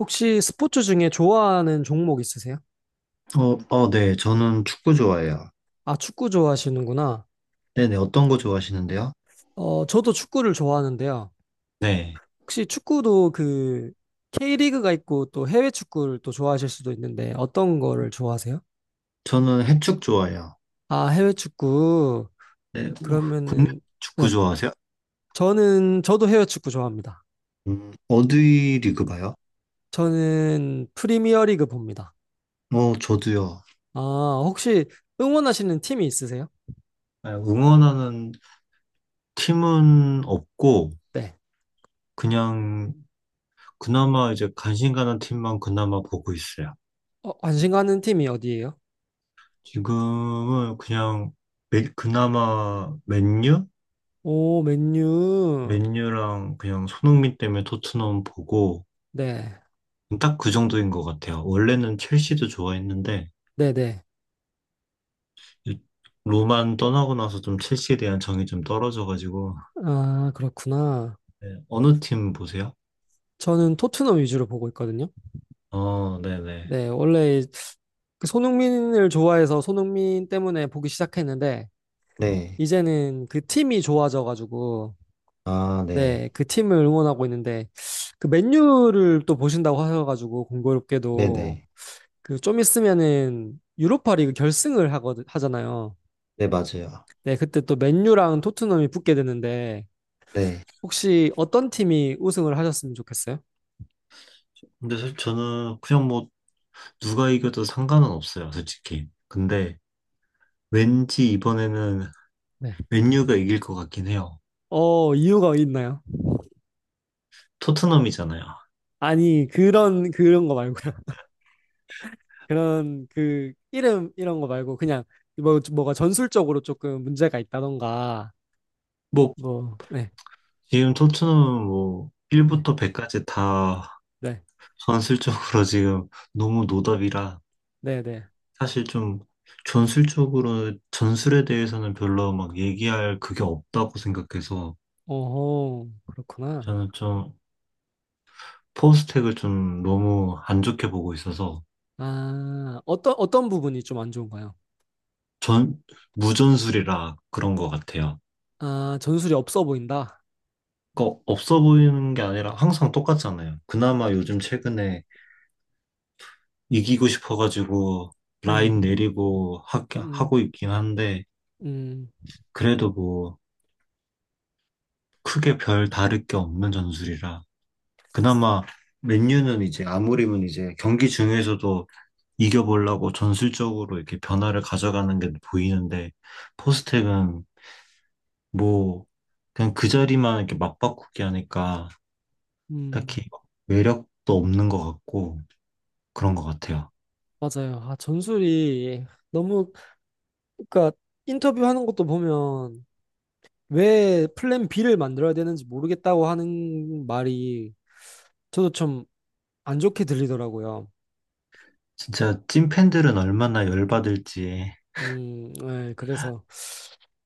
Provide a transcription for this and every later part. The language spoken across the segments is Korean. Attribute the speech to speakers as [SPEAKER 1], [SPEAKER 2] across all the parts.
[SPEAKER 1] 혹시 스포츠 중에 좋아하는 종목 있으세요?
[SPEAKER 2] 어, 어, 네. 저는 축구 좋아해요.
[SPEAKER 1] 아, 축구 좋아하시는구나.
[SPEAKER 2] 네네. 어떤 거 좋아하시는데요?
[SPEAKER 1] 저도 축구를 좋아하는데요.
[SPEAKER 2] 네.
[SPEAKER 1] 혹시 축구도 그 K리그가 있고 또 해외 축구를 또 좋아하실 수도 있는데 어떤 거를 좋아하세요?
[SPEAKER 2] 저는 해축 좋아해요.
[SPEAKER 1] 아, 해외 축구.
[SPEAKER 2] 네. 국내
[SPEAKER 1] 그러면은
[SPEAKER 2] 축구
[SPEAKER 1] 네.
[SPEAKER 2] 좋아하세요?
[SPEAKER 1] 저는 저도 해외 축구 좋아합니다.
[SPEAKER 2] 어디 리그 봐요?
[SPEAKER 1] 저는 프리미어리그 봅니다.
[SPEAKER 2] 어, 저도요.
[SPEAKER 1] 아, 혹시 응원하시는 팀이 있으세요?
[SPEAKER 2] 네, 응원하는 팀은 없고,
[SPEAKER 1] 네.
[SPEAKER 2] 그냥, 그나마 이제 관심 가는 팀만 그나마 보고 있어요.
[SPEAKER 1] 어, 관심 가는 팀이 어디예요?
[SPEAKER 2] 지금은 그냥, 그나마 맨유?
[SPEAKER 1] 오, 맨유.
[SPEAKER 2] 맨유랑 그냥 손흥민 때문에 토트넘 보고,
[SPEAKER 1] 네.
[SPEAKER 2] 딱 그 정도인 것 같아요. 원래는 첼시도 좋아했는데
[SPEAKER 1] 네네.
[SPEAKER 2] 이 로만 떠나고 나서 좀 첼시에 대한 정이 좀 떨어져가지고.
[SPEAKER 1] 아, 그렇구나.
[SPEAKER 2] 네, 어느 팀 보세요?
[SPEAKER 1] 저는 토트넘 위주로 보고 있거든요.
[SPEAKER 2] 어, 네네.
[SPEAKER 1] 네, 원래 그 손흥민을 좋아해서 손흥민 때문에 보기 시작했는데,
[SPEAKER 2] 네.
[SPEAKER 1] 이제는 그 팀이 좋아져가지고,
[SPEAKER 2] 아,
[SPEAKER 1] 네,
[SPEAKER 2] 네.
[SPEAKER 1] 그 팀을 응원하고 있는데, 그 맨유를 또 보신다고 하셔가지고, 공교롭게도,
[SPEAKER 2] 네네.
[SPEAKER 1] 그 좀 있으면은 유로파리그 결승을 하거든, 하잖아요.
[SPEAKER 2] 네, 맞아요.
[SPEAKER 1] 네, 그때 또 맨유랑 토트넘이 붙게 되는데,
[SPEAKER 2] 네.
[SPEAKER 1] 혹시 어떤 팀이 우승을 하셨으면 좋겠어요?
[SPEAKER 2] 근데 사실 저는 그냥 뭐 누가 이겨도 상관은 없어요, 솔직히. 근데 왠지 이번에는
[SPEAKER 1] 네.
[SPEAKER 2] 맨유가 이길 것 같긴 해요.
[SPEAKER 1] 어, 이유가 있나요?
[SPEAKER 2] 토트넘이잖아요.
[SPEAKER 1] 아니 그런 거 말고요. 그런 그 이름 이런 거 말고 그냥 뭐 뭐가 전술적으로 조금 문제가 있다던가
[SPEAKER 2] 뭐
[SPEAKER 1] 뭐 네.
[SPEAKER 2] 지금 토트넘은 뭐
[SPEAKER 1] 네.
[SPEAKER 2] 1부터 100까지 다
[SPEAKER 1] 네.
[SPEAKER 2] 전술적으로 지금 너무 노답이라.
[SPEAKER 1] 네, 네.
[SPEAKER 2] 사실 좀 전술적으로 전술에 대해서는 별로 막 얘기할 그게 없다고 생각해서
[SPEAKER 1] 어허. 그렇구나.
[SPEAKER 2] 저는 좀 포스텍을 좀 너무 안 좋게 보고 있어서.
[SPEAKER 1] 아, 어떤 부분이 좀 안 좋은가요?
[SPEAKER 2] 전 무전술이라 그런 것 같아요.
[SPEAKER 1] 아, 전술이 없어 보인다.
[SPEAKER 2] 그 없어 보이는 게 아니라 항상 똑같잖아요. 그나마 요즘 최근에 이기고 싶어가지고
[SPEAKER 1] 음.
[SPEAKER 2] 라인 내리고
[SPEAKER 1] 음.
[SPEAKER 2] 하고 있긴 한데
[SPEAKER 1] 음.
[SPEAKER 2] 그래도 뭐 크게 별 다를 게 없는 전술이라. 그나마 맨유는 이제 아무리면 이제 경기 중에서도 이겨보려고 전술적으로 이렇게 변화를 가져가는 게 보이는데, 포스텍은 뭐 그냥 그 자리만 이렇게 맞바꾸기 하니까
[SPEAKER 1] 음.
[SPEAKER 2] 딱히
[SPEAKER 1] 음.
[SPEAKER 2] 매력도 없는 것 같고 그런 것 같아요.
[SPEAKER 1] 맞아요. 아, 전술이 너무 그러니까 인터뷰하는 것도 보면 왜 플랜 B를 만들어야 되는지 모르겠다고 하는 말이 저도 좀 안 좋게 들리더라고요.
[SPEAKER 2] 진짜 찐팬들은 얼마나 열받을지.
[SPEAKER 1] 네 그래서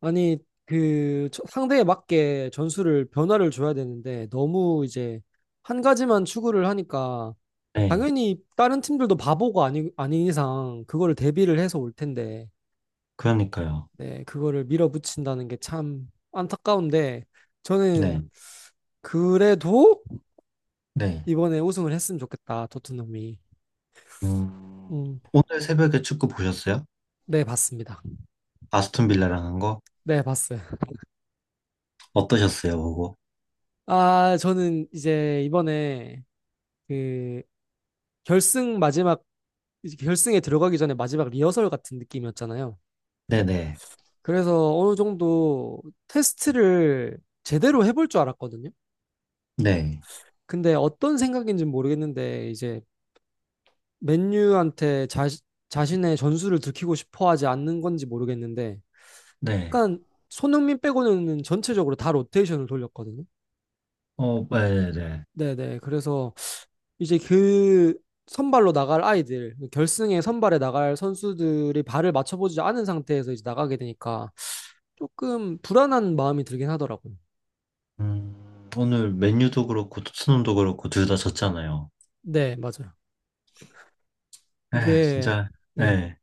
[SPEAKER 1] 아니 상대에 맞게 전술을 변화를 줘야 되는데 너무 이제 한 가지만 추구를 하니까
[SPEAKER 2] 네,
[SPEAKER 1] 당연히 다른 팀들도 바보가 아니 아닌 이상 그거를 대비를 해서 올 텐데
[SPEAKER 2] 그러니까요.
[SPEAKER 1] 네, 그거를 밀어붙인다는 게 참 안타까운데
[SPEAKER 2] 네,
[SPEAKER 1] 저는 그래도
[SPEAKER 2] 네.
[SPEAKER 1] 이번에 우승을 했으면 좋겠다, 토트넘이.
[SPEAKER 2] 음,
[SPEAKER 1] 음,
[SPEAKER 2] 오늘 새벽에 축구 보셨어요?
[SPEAKER 1] 네, 봤습니다.
[SPEAKER 2] 아스톤 빌라랑 한 거?
[SPEAKER 1] 네, 봤어요.
[SPEAKER 2] 어떠셨어요, 보고?
[SPEAKER 1] 아, 저는 이제 이번에 그 결승 마지막 이제 결승에 들어가기 전에 마지막 리허설 같은 느낌이었잖아요.
[SPEAKER 2] 네네.
[SPEAKER 1] 그래서 어느 정도 테스트를 제대로 해볼 줄 알았거든요.
[SPEAKER 2] 네.
[SPEAKER 1] 근데 어떤 생각인지는 모르겠는데 이제 맨유한테 자신의 전술을 들키고 싶어 하지 않는 건지 모르겠는데
[SPEAKER 2] 네.
[SPEAKER 1] 약간 손흥민 빼고는 전체적으로 다 로테이션을 돌렸거든요.
[SPEAKER 2] 어, 네네.
[SPEAKER 1] 네네. 그래서 이제 그 선발로 나갈 아이들, 결승에 선발에 나갈 선수들이 발을 맞춰보지 않은 상태에서 이제 나가게 되니까 조금 불안한 마음이 들긴 하더라고요.
[SPEAKER 2] 오늘 맨유도 그렇고 토트넘도 그렇고 둘 다 졌잖아요.
[SPEAKER 1] 네, 맞아요.
[SPEAKER 2] 에,
[SPEAKER 1] 이게
[SPEAKER 2] 진짜.
[SPEAKER 1] 네.
[SPEAKER 2] 예.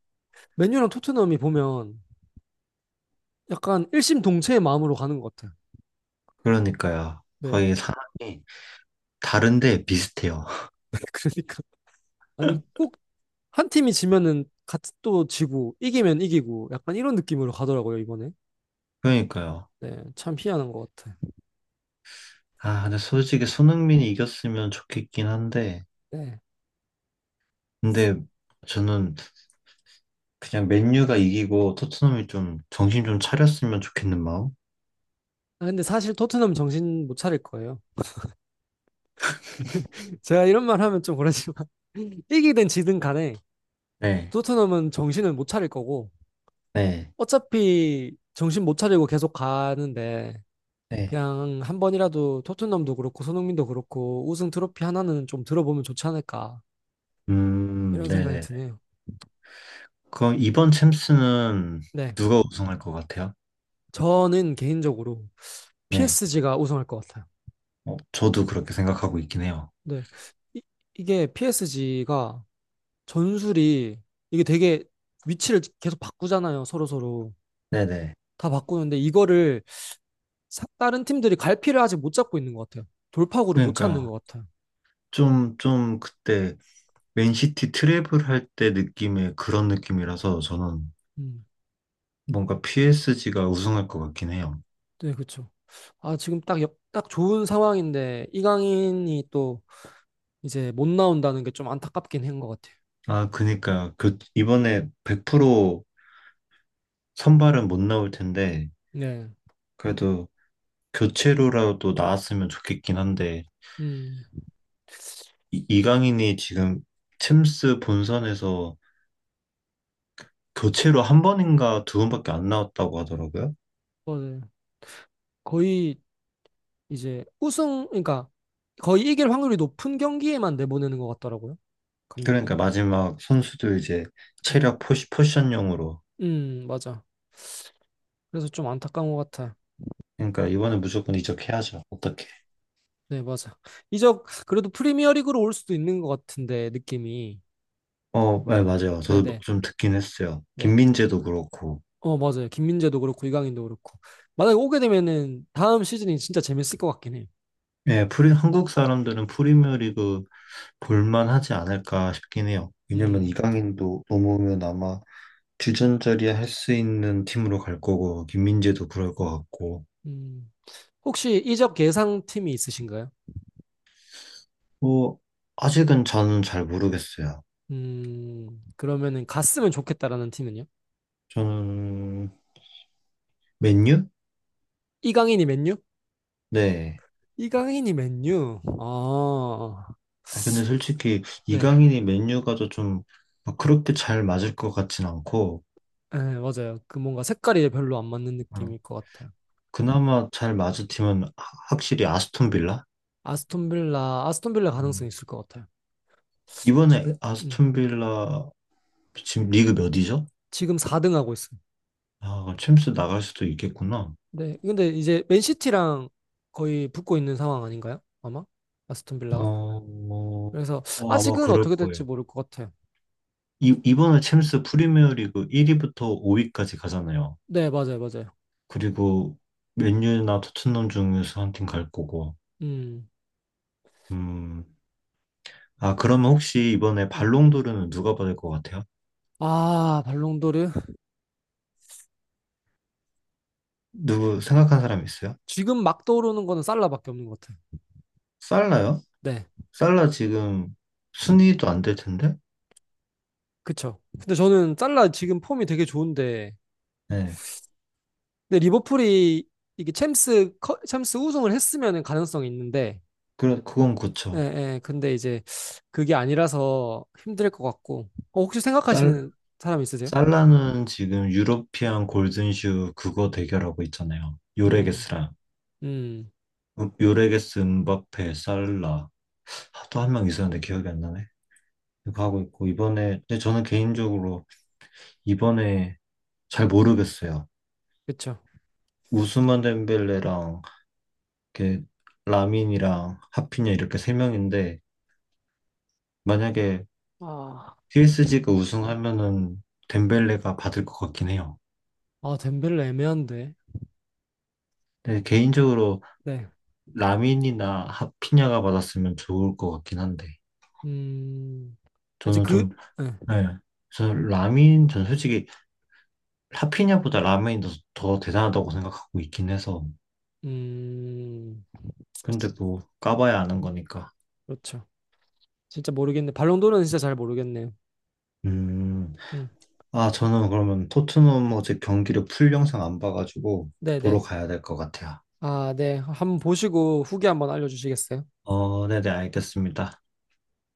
[SPEAKER 1] 맨유랑 토트넘이 보면 약간 일심동체의 마음으로 가는 것 같아요.
[SPEAKER 2] 그러니까요.
[SPEAKER 1] 네,
[SPEAKER 2] 거의 상황이 다른데 비슷해요.
[SPEAKER 1] 그러니까 아니 꼭 한 팀이 지면은 같이 또 지고 이기면 이기고 약간 이런 느낌으로 가더라고요 이번에.
[SPEAKER 2] 그러니까요.
[SPEAKER 1] 네, 참 희한한 것 같아요.
[SPEAKER 2] 아, 근데 솔직히 손흥민이 이겼으면 좋겠긴 한데,
[SPEAKER 1] 네.
[SPEAKER 2] 근데 저는 그냥 맨유가 이기고 토트넘이 좀 정신 좀 차렸으면 좋겠는 마음?
[SPEAKER 1] 아, 근데 사실 토트넘 정신 못 차릴 거예요. 제가 이런 말 하면 좀 그렇지만 이기든 지든 간에
[SPEAKER 2] 네,
[SPEAKER 1] 토트넘은 정신을 못 차릴 거고
[SPEAKER 2] 네,
[SPEAKER 1] 어차피 정신 못 차리고 계속 가는데
[SPEAKER 2] 네.
[SPEAKER 1] 그냥 한 번이라도 토트넘도 그렇고 손흥민도 그렇고 우승 트로피 하나는 좀 들어보면 좋지 않을까 이런 생각이
[SPEAKER 2] 네네네.
[SPEAKER 1] 드네요.
[SPEAKER 2] 그럼 이번 챔스는
[SPEAKER 1] 네,
[SPEAKER 2] 누가 우승할 것 같아요?
[SPEAKER 1] 저는 개인적으로
[SPEAKER 2] 네.
[SPEAKER 1] PSG가 우승할 것 같아요.
[SPEAKER 2] 어, 저도 그렇게 생각하고 있긴 해요.
[SPEAKER 1] 네, 이, 이게 PSG가 전술이 이게 되게 위치를 계속 바꾸잖아요. 서로 서로
[SPEAKER 2] 네네.
[SPEAKER 1] 다 바꾸는데 이거를 다른 팀들이 갈피를 아직 못 잡고 있는 것 같아요. 돌파구를 못 찾는
[SPEAKER 2] 그러니까
[SPEAKER 1] 것 같아요.
[SPEAKER 2] 좀 그때 맨시티 트래블 할 때 느낌의 그런 느낌이라서 저는
[SPEAKER 1] 음,
[SPEAKER 2] 뭔가 PSG가 우승할 것 같긴 해요.
[SPEAKER 1] 네, 그렇죠. 아, 지금 딱, 딱 좋은 상황인데 이강인이 또 이제 못 나온다는 게 좀 안타깝긴 한 것 같아요.
[SPEAKER 2] 아, 그니까 이번에 100% 선발은 못 나올 텐데
[SPEAKER 1] 네,
[SPEAKER 2] 그래도 교체로라도 나왔으면 좋겠긴 한데.
[SPEAKER 1] 음,
[SPEAKER 2] 이강인이 지금 챔스 본선에서 교체로 한 번인가 두 번밖에 안 나왔다고 하더라고요.
[SPEAKER 1] 어, 네. 거의 이제 우승, 그러니까 거의 이길 확률이 높은 경기에만 내보내는 것 같더라고요, 감독이.
[SPEAKER 2] 그러니까 마지막 선수도 이제
[SPEAKER 1] 음,
[SPEAKER 2] 체력 포지션용으로.
[SPEAKER 1] 맞아. 그래서 좀 안타까운 것 같아요.
[SPEAKER 2] 그러니까 이번에 무조건 이적해야죠. 어떻게?
[SPEAKER 1] 네, 맞아. 이적 그래도 프리미어리그로 올 수도 있는 것 같은데 느낌이.
[SPEAKER 2] 어, 네, 맞아요.
[SPEAKER 1] 네,
[SPEAKER 2] 저도 뭐
[SPEAKER 1] 네,
[SPEAKER 2] 좀 듣긴 했어요.
[SPEAKER 1] 네.
[SPEAKER 2] 김민재도 그렇고.
[SPEAKER 1] 어, 맞아요. 김민재도 그렇고, 이강인도 그렇고. 만약에 오게 되면은 다음 시즌이 진짜 재밌을 것 같긴 해요.
[SPEAKER 2] 예, 프리, 한국 사람들은 프리미어리그 볼만하지 않을까 싶긴 해요. 왜냐면
[SPEAKER 1] 음,
[SPEAKER 2] 이강인도 넘어오면 아마 주전자리에 할 수 있는 팀으로 갈 거고, 김민재도 그럴 것 같고.
[SPEAKER 1] 음. 혹시 이적 예상팀이 있으신가요?
[SPEAKER 2] 뭐, 아직은 저는 잘 모르겠어요.
[SPEAKER 1] 음, 그러면은 갔으면 좋겠다라는 팀은요?
[SPEAKER 2] 저는 맨유?
[SPEAKER 1] 이강인이 맨유?
[SPEAKER 2] 네.
[SPEAKER 1] 이강인이 맨유? 아,
[SPEAKER 2] 아, 근데 솔직히
[SPEAKER 1] 네.
[SPEAKER 2] 이강인이 맨유 가도 좀막 그렇게 잘 맞을 것 같진 않고.
[SPEAKER 1] 네, 맞아요. 그 뭔가 색깔이 별로 안 맞는
[SPEAKER 2] 어,
[SPEAKER 1] 느낌일 것 같아요.
[SPEAKER 2] 그나마 잘 맞을 팀은 확실히 아스톤 빌라?
[SPEAKER 1] 아스톤빌라, 아스톤빌라 가능성이
[SPEAKER 2] 음.
[SPEAKER 1] 있을 것 같아요.
[SPEAKER 2] 이번에
[SPEAKER 1] 음,
[SPEAKER 2] 아스톤 빌라 지금 리그 몇이죠?
[SPEAKER 1] 지금 4등 하고 있어요.
[SPEAKER 2] 아, 챔스 나갈 수도 있겠구나.
[SPEAKER 1] 네. 근데 이제 맨시티랑 거의 붙고 있는 상황 아닌가요? 아마? 아스톤 빌라가?
[SPEAKER 2] 어, 뭐,
[SPEAKER 1] 그래서
[SPEAKER 2] 어, 아마
[SPEAKER 1] 아직은
[SPEAKER 2] 그럴
[SPEAKER 1] 어떻게
[SPEAKER 2] 거예요.
[SPEAKER 1] 될지 모를 것 같아요.
[SPEAKER 2] 이번에 챔스 프리미어 리그 1위부터 5위까지 가잖아요.
[SPEAKER 1] 네, 맞아요, 맞아요.
[SPEAKER 2] 그리고 맨유나 토트넘 중에서 한 팀 갈 거고.
[SPEAKER 1] 음.
[SPEAKER 2] 음, 아, 그러면 혹시 이번에
[SPEAKER 1] 네.
[SPEAKER 2] 발롱도르는 누가 받을 것 같아요?
[SPEAKER 1] 아, 발롱도르.
[SPEAKER 2] 누구 생각한 사람 있어요?
[SPEAKER 1] 지금 막 떠오르는 거는 살라밖에 없는 것 같아요.
[SPEAKER 2] 살라요?
[SPEAKER 1] 네.
[SPEAKER 2] 살라 지금 순위도 안 될 텐데?
[SPEAKER 1] 그쵸. 근데 저는 살라 지금 폼이 되게 좋은데,
[SPEAKER 2] 네.
[SPEAKER 1] 근데 리버풀이 이게 챔스 우승을 했으면 가능성이 있는데,
[SPEAKER 2] 그래, 그건
[SPEAKER 1] 예,
[SPEAKER 2] 그쵸.
[SPEAKER 1] 예. 근데 이제 그게 아니라서 힘들 것 같고, 어, 혹시
[SPEAKER 2] 살,
[SPEAKER 1] 생각하시는 사람 있으세요?
[SPEAKER 2] 살라는 지금 유러피안 골든슈 그거 대결하고 있잖아요.
[SPEAKER 1] 음.
[SPEAKER 2] 요레게스랑.
[SPEAKER 1] 음.
[SPEAKER 2] 요레게스, 음바페, 살라. 또 한 명 있었는데 기억이 안 나네. 이거 하고 있고, 이번에, 근데 저는 개인적으로 이번에 잘 모르겠어요.
[SPEAKER 1] 그쵸.
[SPEAKER 2] 우스만 덴벨레랑 이렇게 라민이랑 하피냐 이렇게 세 명인데 만약에
[SPEAKER 1] 아,
[SPEAKER 2] PSG가 우승하면은 덴벨레가 받을 것 같긴 해요.
[SPEAKER 1] 아, 덴벨레 애매한데.
[SPEAKER 2] 근데 개인적으로
[SPEAKER 1] 네.
[SPEAKER 2] 라민이나 하피냐가 받았으면 좋을 것 같긴 한데.
[SPEAKER 1] 음, 아, 이제
[SPEAKER 2] 저는
[SPEAKER 1] 그,
[SPEAKER 2] 좀.
[SPEAKER 1] 네.
[SPEAKER 2] 네. 저 라민 전 솔직히 하피냐보다 라민이 더 대단하다고 생각하고 있긴 해서.
[SPEAKER 1] 음,
[SPEAKER 2] 근데 뭐 까봐야 아는 거니까.
[SPEAKER 1] 그렇죠. 진짜 모르겠네. 발롱도르는 진짜 잘 모르겠네요.
[SPEAKER 2] 음,
[SPEAKER 1] 음,
[SPEAKER 2] 아, 저는 그러면 토트넘 어제 경기를 풀 영상 안 봐가지고 보러
[SPEAKER 1] 네네.
[SPEAKER 2] 가야 될 것 같아요.
[SPEAKER 1] 아, 네. 한번 보시고 후기 한번 알려주시겠어요?
[SPEAKER 2] 어, 네네, 알겠습니다.